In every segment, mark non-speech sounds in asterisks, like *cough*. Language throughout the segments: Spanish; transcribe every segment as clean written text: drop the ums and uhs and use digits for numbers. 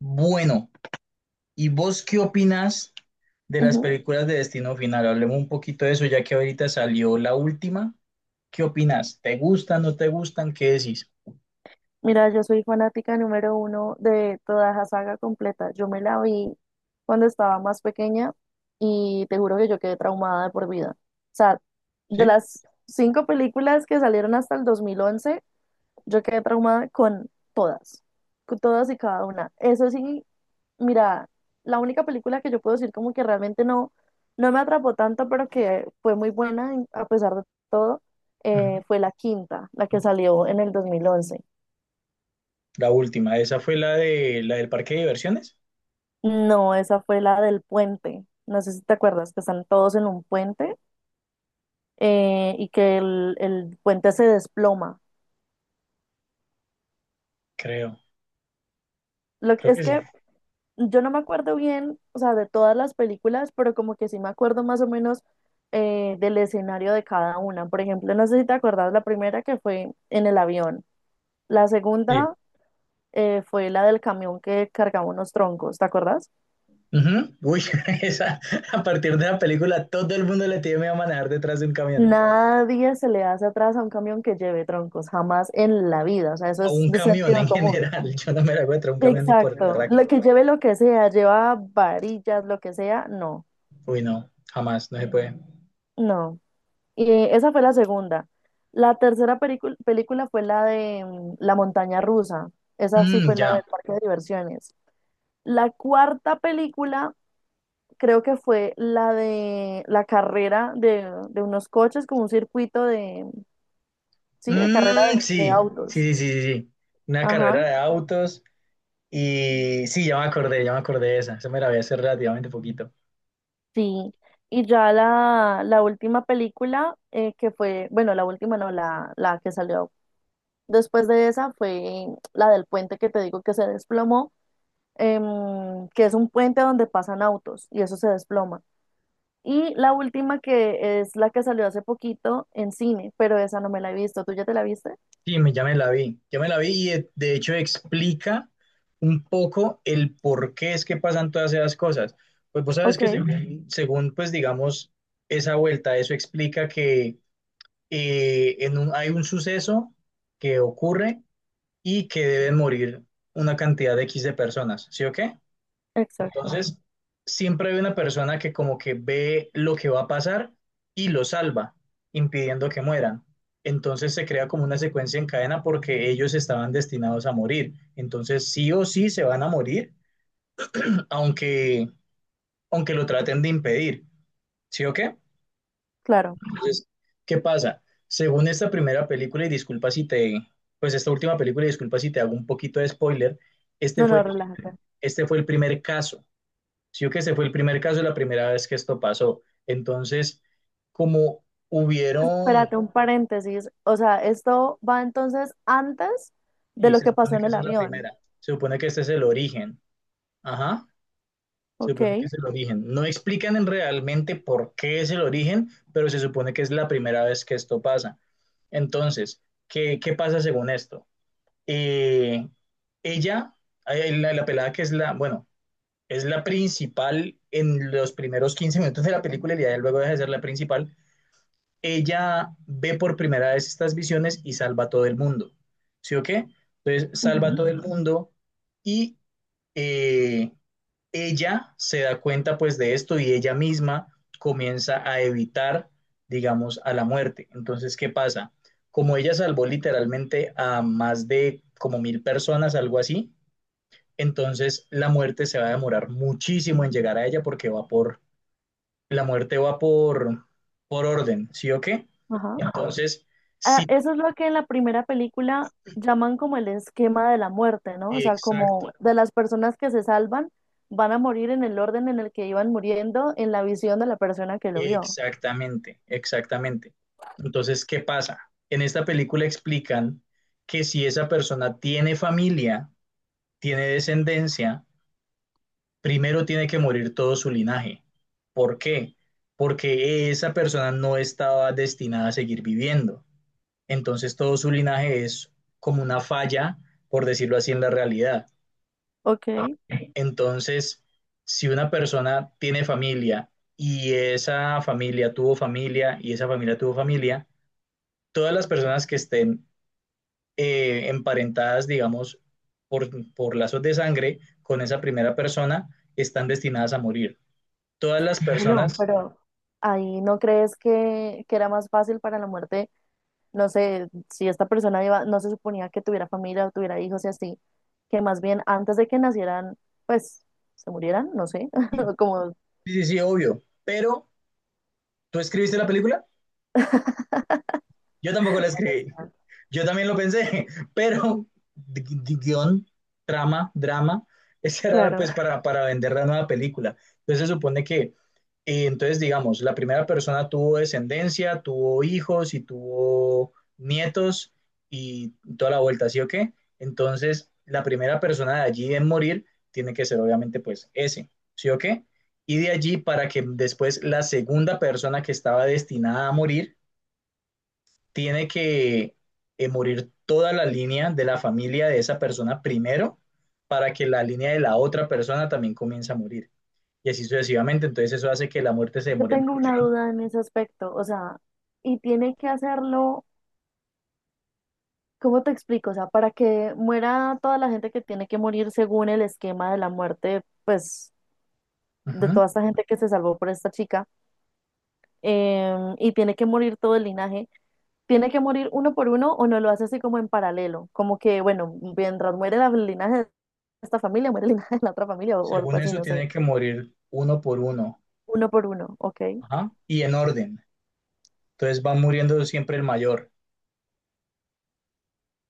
Bueno, ¿y vos qué opinas de las Ujú. películas de Destino Final? Hablemos un poquito de eso, ya que ahorita salió la última. ¿Qué opinas? ¿Te gustan, no te gustan? ¿Qué decís? Mira, yo soy fanática número uno de toda la saga completa. Yo me la vi cuando estaba más pequeña y te juro que yo quedé traumada de por vida. O sea, de ¿Sí? las cinco películas que salieron hasta el 2011, yo quedé traumada todas, con todas y cada una. Eso sí, mira, la única película que yo puedo decir como que realmente no, no me atrapó tanto, pero que fue muy buena a pesar de todo, Ujú. fue la quinta, la que salió en el 2011. La última, esa fue la del parque de diversiones, No, esa fue la del puente. No sé si te acuerdas que están todos en un puente, y que el puente se desploma. creo. Lo que Creo que es sí. que yo no me acuerdo bien, o sea, de todas las películas, pero como que sí me acuerdo más o menos, del escenario de cada una. Por ejemplo, no sé si te acuerdas la primera que fue en el avión. La Sí. segunda, fue la del camión que cargaba unos troncos, ¿te acuerdas? Ujú. Uy, *laughs* esa, a partir de la película todo el mundo le tiene a manejar detrás de un camión, Nadie se le hace atrás a un camión que lleve troncos, jamás en la vida. O sea, eso a es un de camión en sentido común. general. *laughs* Yo no me la voy a traer un camión ni por el Exacto, lo barraco. que lleve, lo que sea, lleva varillas, lo que sea, no, Uy, no, jamás, no se puede. no. Y esa fue la segunda. La tercera película fue la de la montaña rusa, esa sí Mm, fue la del ya. parque de diversiones. La cuarta película creo que fue la de la carrera de unos coches, como un circuito de, sí, de carrera Mm, de sí, autos. sí, sí, sí, sí. Una carrera Ajá, de autos. Y sí, ya me acordé de esa. Esa me la vi hace relativamente poquito. sí. Y ya la última película, que fue, bueno, la última no, la que salió. Después de esa fue la del puente que te digo que se desplomó, que es un puente donde pasan autos y eso se desploma. Y la última que es la que salió hace poquito en cine, pero esa no me la he visto. ¿Tú ya te la viste? Sí, me, ya me la vi. Ya me la vi y de hecho explica un poco el por qué es que pasan todas esas cosas. Pues vos sabes Ok, que pues digamos, esa vuelta, eso explica que hay un suceso que ocurre y que deben morir una cantidad de X de personas, ¿sí o qué? exacto. Entonces, siempre hay una persona que como que ve lo que va a pasar y lo salva, impidiendo que mueran. Entonces se crea como una secuencia en cadena porque ellos estaban destinados a morir. Entonces sí o sí se van a morir, aunque, aunque lo traten de impedir. ¿Sí o qué? Claro. Entonces, ¿qué pasa? Según esta primera película, y disculpa si te, pues esta última película, y disculpa si te hago un poquito de spoiler, este No, fue, no, relájate. este fue el primer caso. Sí, o que ese fue el primer caso, la primera vez que esto pasó. Entonces, como hubieron, Espérate, un paréntesis. O sea, esto va entonces antes de y lo se que pasó supone en que el esa es la avión. primera, se supone que este es el origen, ajá, se Ok. supone que es el origen. No explican en realmente por qué es el origen, pero se supone que es la primera vez que esto pasa. Entonces, ¿qué, qué pasa según esto? Eh, ella, la pelada que es la, bueno, es la principal en los primeros 15 minutos de la película y ya luego deja de ser la principal. Ella ve por primera vez estas visiones y salva a todo el mundo. ¿Sí o qué? Entonces salva a Ujú. todo el mundo y eh, ella se da cuenta pues de esto y ella misma comienza a evitar, digamos, a la muerte. Entonces, ¿qué pasa? Como ella salvó literalmente a más de como 1000 personas, algo así, entonces la muerte se va a demorar muchísimo en llegar a ella porque va por la muerte va por orden, ¿sí o qué? Ajá. Entonces, Ah, sí, eso es lo que en la primera película llaman como el esquema de la muerte, ¿no? O sea, como exacto, de las personas que se salvan van a morir en el orden en el que iban muriendo en la visión de la persona que lo vio. exactamente. Entonces, ¿qué pasa? En esta película explican que si esa persona tiene familia, tiene descendencia, primero tiene que morir todo su linaje. ¿Por qué? Porque esa persona no estaba destinada a seguir viviendo. Entonces, todo su linaje es como una falla, por decirlo así, en la realidad. Ok. Entonces, si una persona tiene familia y esa familia tuvo familia y esa familia tuvo familia, todas las personas que estén emparentadas, digamos, por lazos de sangre con esa primera persona están destinadas a morir. Todas las *laughs* Bueno, personas, pero ahí no crees que era más fácil para la muerte, no sé, si esta persona iba, no se suponía que tuviera familia o tuviera hijos y así, que más bien antes de que nacieran, pues se murieran, no sé, *laughs* como, sí, sí, sí, obvio, pero ¿tú escribiste la película? Yo tampoco la escribí. Yo también lo pensé, *laughs* pero guión, trama, drama, *laughs* esa era claro. pues para vender la nueva película. Entonces digamos, la primera persona tuvo descendencia, tuvo hijos y tuvo nietos y toda la vuelta, ¿sí o qué? Entonces la primera persona de allí en morir tiene que ser obviamente pues ese, ¿sí o qué? Y de allí para que después la segunda persona que estaba destinada a morir tiene que morir toda la línea de la familia de esa persona primero para que la línea de la otra persona también comience a morir. Y así sucesivamente, entonces eso hace que la muerte se Yo demore. tengo una duda en ese aspecto, o sea, y tiene que hacerlo, ¿cómo te explico? O sea, para que muera toda la gente que tiene que morir según el esquema de la muerte, pues, de Ajá. toda esta gente que se salvó por esta chica, y tiene que morir todo el linaje. ¿Tiene que morir uno por uno o no lo hace así como en paralelo? Como que, bueno, mientras muere el linaje de esta familia, muere el linaje de la otra familia o algo Según así, eso, no sé, tiene que morir uno por uno. uno por uno, ok, Ajá. Y en orden. Entonces va muriendo siempre el mayor.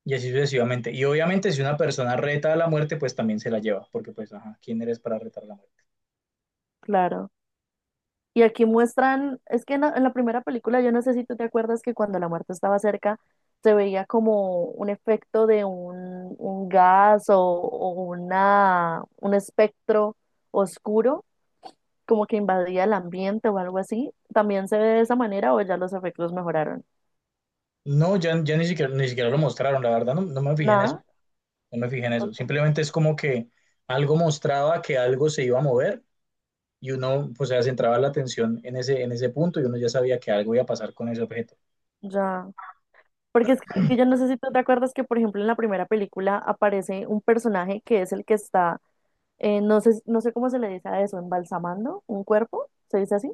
Y así sucesivamente. Y obviamente si una persona reta a la muerte, pues también se la lleva. Porque pues, ajá, ¿quién eres para retar a la muerte? claro. Y aquí muestran, es que en la primera película, yo no sé si tú te acuerdas que cuando la muerte estaba cerca, se veía como un efecto de un gas o un espectro oscuro, como que invadía el ambiente o algo así. ¿También se ve de esa manera o ya los efectos mejoraron? No, ya, ya ni siquiera, lo mostraron, la verdad, no me fijé en eso, Nada, no me fijé en eso. ok, Simplemente es como que algo mostraba que algo se iba a mover y uno, pues, se centraba la atención en ese punto y uno ya sabía que algo iba a pasar con ese objeto. ya. Porque es que yo no sé si tú te acuerdas que, por ejemplo, en la primera película aparece un personaje que es el que está, no sé cómo se le dice a eso, embalsamando un cuerpo, ¿se dice así?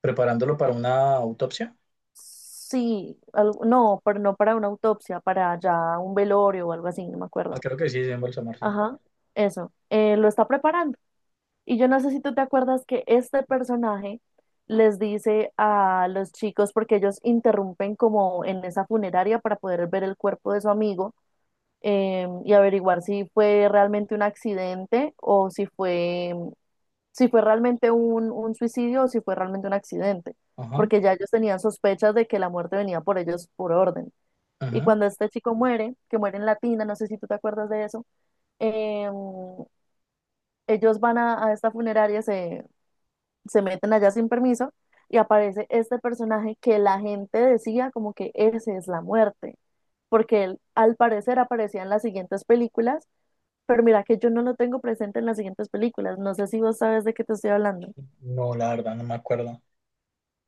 Preparándolo para una autopsia. Sí, no, pero no para una autopsia, para ya un velorio o algo así, no me acuerdo. Ah, creo que sí, es en Balsamar, sí. Ajá, eso, lo está preparando. Y yo no sé si tú te acuerdas que este personaje les dice a los chicos, porque ellos interrumpen como en esa funeraria para poder ver el cuerpo de su amigo, y averiguar si fue realmente un accidente o si fue, realmente un suicidio o si fue realmente un accidente, Ajá, porque ya ellos tenían sospechas de que la muerte venía por ellos por orden. Y ajá. cuando este chico muere, que muere en Latina, no sé si tú te acuerdas de eso, em, ellos van a esta funeraria, se meten allá sin permiso y aparece este personaje que la gente decía como que ese es la muerte, porque él al parecer aparecía en las siguientes películas, pero mira que yo no lo tengo presente en las siguientes películas, no sé si vos sabes de qué te estoy hablando. No, la verdad, no me acuerdo.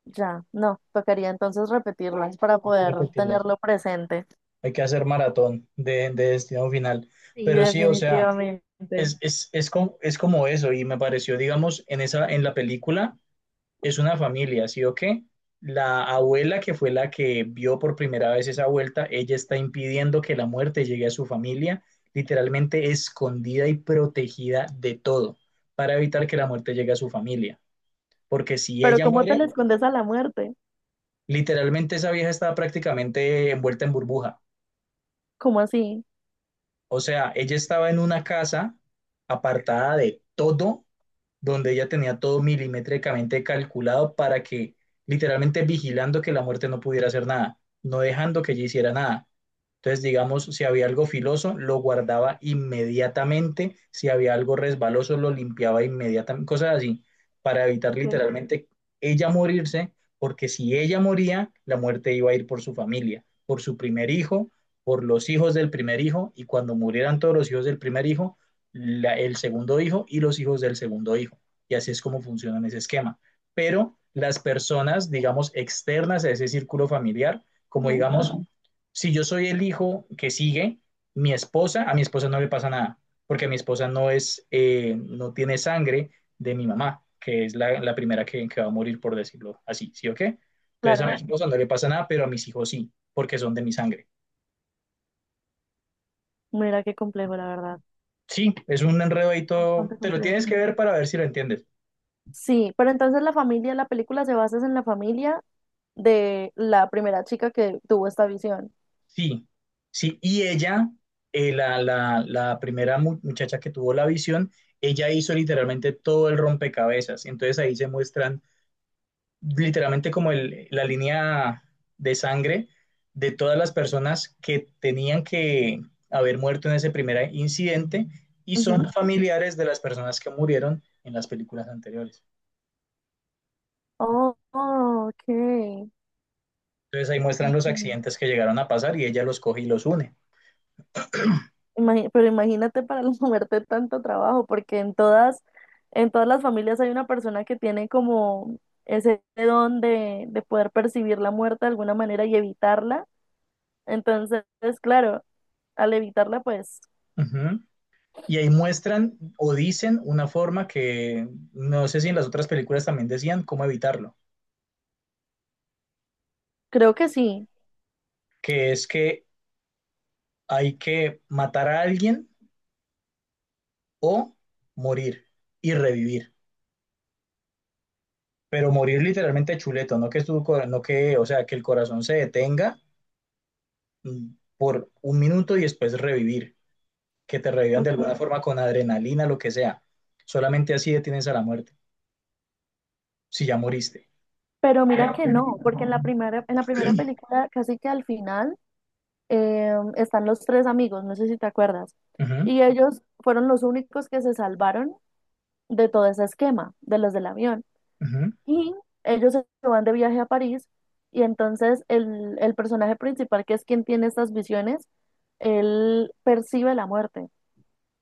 Ya, no, tocaría entonces repetirlas para Hay que poder repetirlas. tenerlo presente. Hay que hacer maratón de destino final. Sí, Pero sí, o sea, definitivamente. Es como eso y me pareció, digamos, en, esa, en la película es una familia, ¿sí o qué? La abuela que fue la que vio por primera vez esa vuelta, ella está impidiendo que la muerte llegue a su familia, literalmente escondida y protegida de todo, para evitar que la muerte llegue a su familia. Porque si Pero ella ¿cómo te muere, le escondes a la muerte? literalmente esa vieja estaba prácticamente envuelta en burbuja. ¿Cómo así? O sea, ella estaba en una casa apartada de todo donde ella tenía todo milimétricamente calculado para que, literalmente vigilando que la muerte no pudiera hacer nada, no dejando que ella hiciera nada. Entonces, digamos, si había algo filoso, lo guardaba inmediatamente, si había algo resbaloso, lo limpiaba inmediatamente, cosas así, para evitar Ok. literalmente ella morirse, porque si ella moría, la muerte iba a ir por su familia, por su primer hijo, por los hijos del primer hijo, y cuando murieran todos los hijos del primer hijo, la, el segundo hijo y los hijos del segundo hijo. Y así es como funciona en ese esquema. Pero las personas, digamos, externas a ese círculo familiar, como Ujú. digamos, uh -huh. Si yo soy el hijo que sigue, mi esposa, a mi esposa no le pasa nada, porque mi esposa no es, no tiene sangre de mi mamá, que es la, la primera que, va a morir, por decirlo así, ¿sí o qué? Entonces a uh -huh. Claro, Mi esposa no le pasa nada, pero a mis hijos sí, porque son de mi sangre. mira qué complejo, la verdad. Sí, es un enredo ahí todo, Bastante te lo complejo. tienes que ver para ver si lo entiendes. Sí, pero entonces la familia, la película se basa en la familia de la primera chica que tuvo esta visión. Sí, sí, y ella, la primera muchacha que tuvo la visión, ella hizo literalmente todo el rompecabezas. Entonces ahí se muestran literalmente como la línea de sangre de todas las personas que tenían que haber muerto en ese primer incidente y Ujú. son familiares de las personas que murieron en las películas anteriores. Oh, oh, ok. Entonces ahí muestran los Ok. accidentes que llegaron a pasar y ella los coge y los une. Pero imagínate para la muerte *laughs* tanto trabajo, porque en todas las familias hay una persona que tiene como ese don de poder percibir la muerte de alguna manera y evitarla. Entonces, claro, al evitarla, pues Y ahí muestran o dicen una forma que no sé si en las otras películas también decían cómo evitarlo, creo que sí. que es que hay que matar a alguien o morir y revivir, pero morir literalmente chuleto, no que tu, no que, o sea, que el corazón se detenga por 1 minuto y después revivir, que te revivan de alguna forma con adrenalina, lo que sea. Solamente así detienes a la muerte, si ya moriste. Pero mira que no, porque en la primera película, casi que al final, están los tres amigos, no sé si te acuerdas. Uh -huh, Y ellos fueron los únicos que se salvaron de todo ese esquema, de los del avión. uh -huh. Y ellos se van de viaje a París y entonces el personaje principal, que es quien tiene estas visiones, él percibe la muerte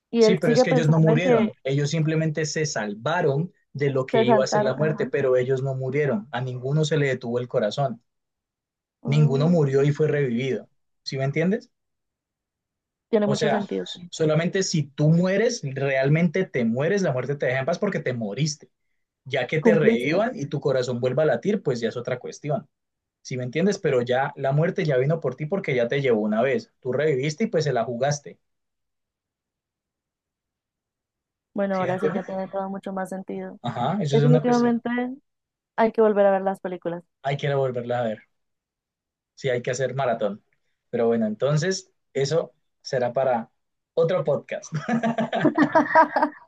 y Sí, él pero es sigue que ellos no pensando en que murieron, ellos simplemente se salvaron de lo que se iba a ser la saltaron. muerte, Ajá. pero ellos no murieron, a ninguno se le detuvo el corazón, ninguno Oh, murió y fue revivido, ¿sí me entiendes? tiene O mucho sea, sentido. solamente si tú mueres, realmente te mueres, la muerte te deja en paz porque te moriste, ya que te Cumpliste. revivan y tu corazón vuelva a latir, pues ya es otra cuestión, ¿sí me entiendes? Pero ya la muerte ya vino por ti porque ya te llevó una vez, tú reviviste y pues se la jugaste, Bueno, ¿sí me ahora sí ya entiendes? tiene todo mucho más sentido. Ajá, eso es una cuestión, Definitivamente hay que volver a ver las películas. hay que volverla a ver. Sí, hay que hacer maratón. Pero bueno, entonces eso será para otro podcast. *laughs*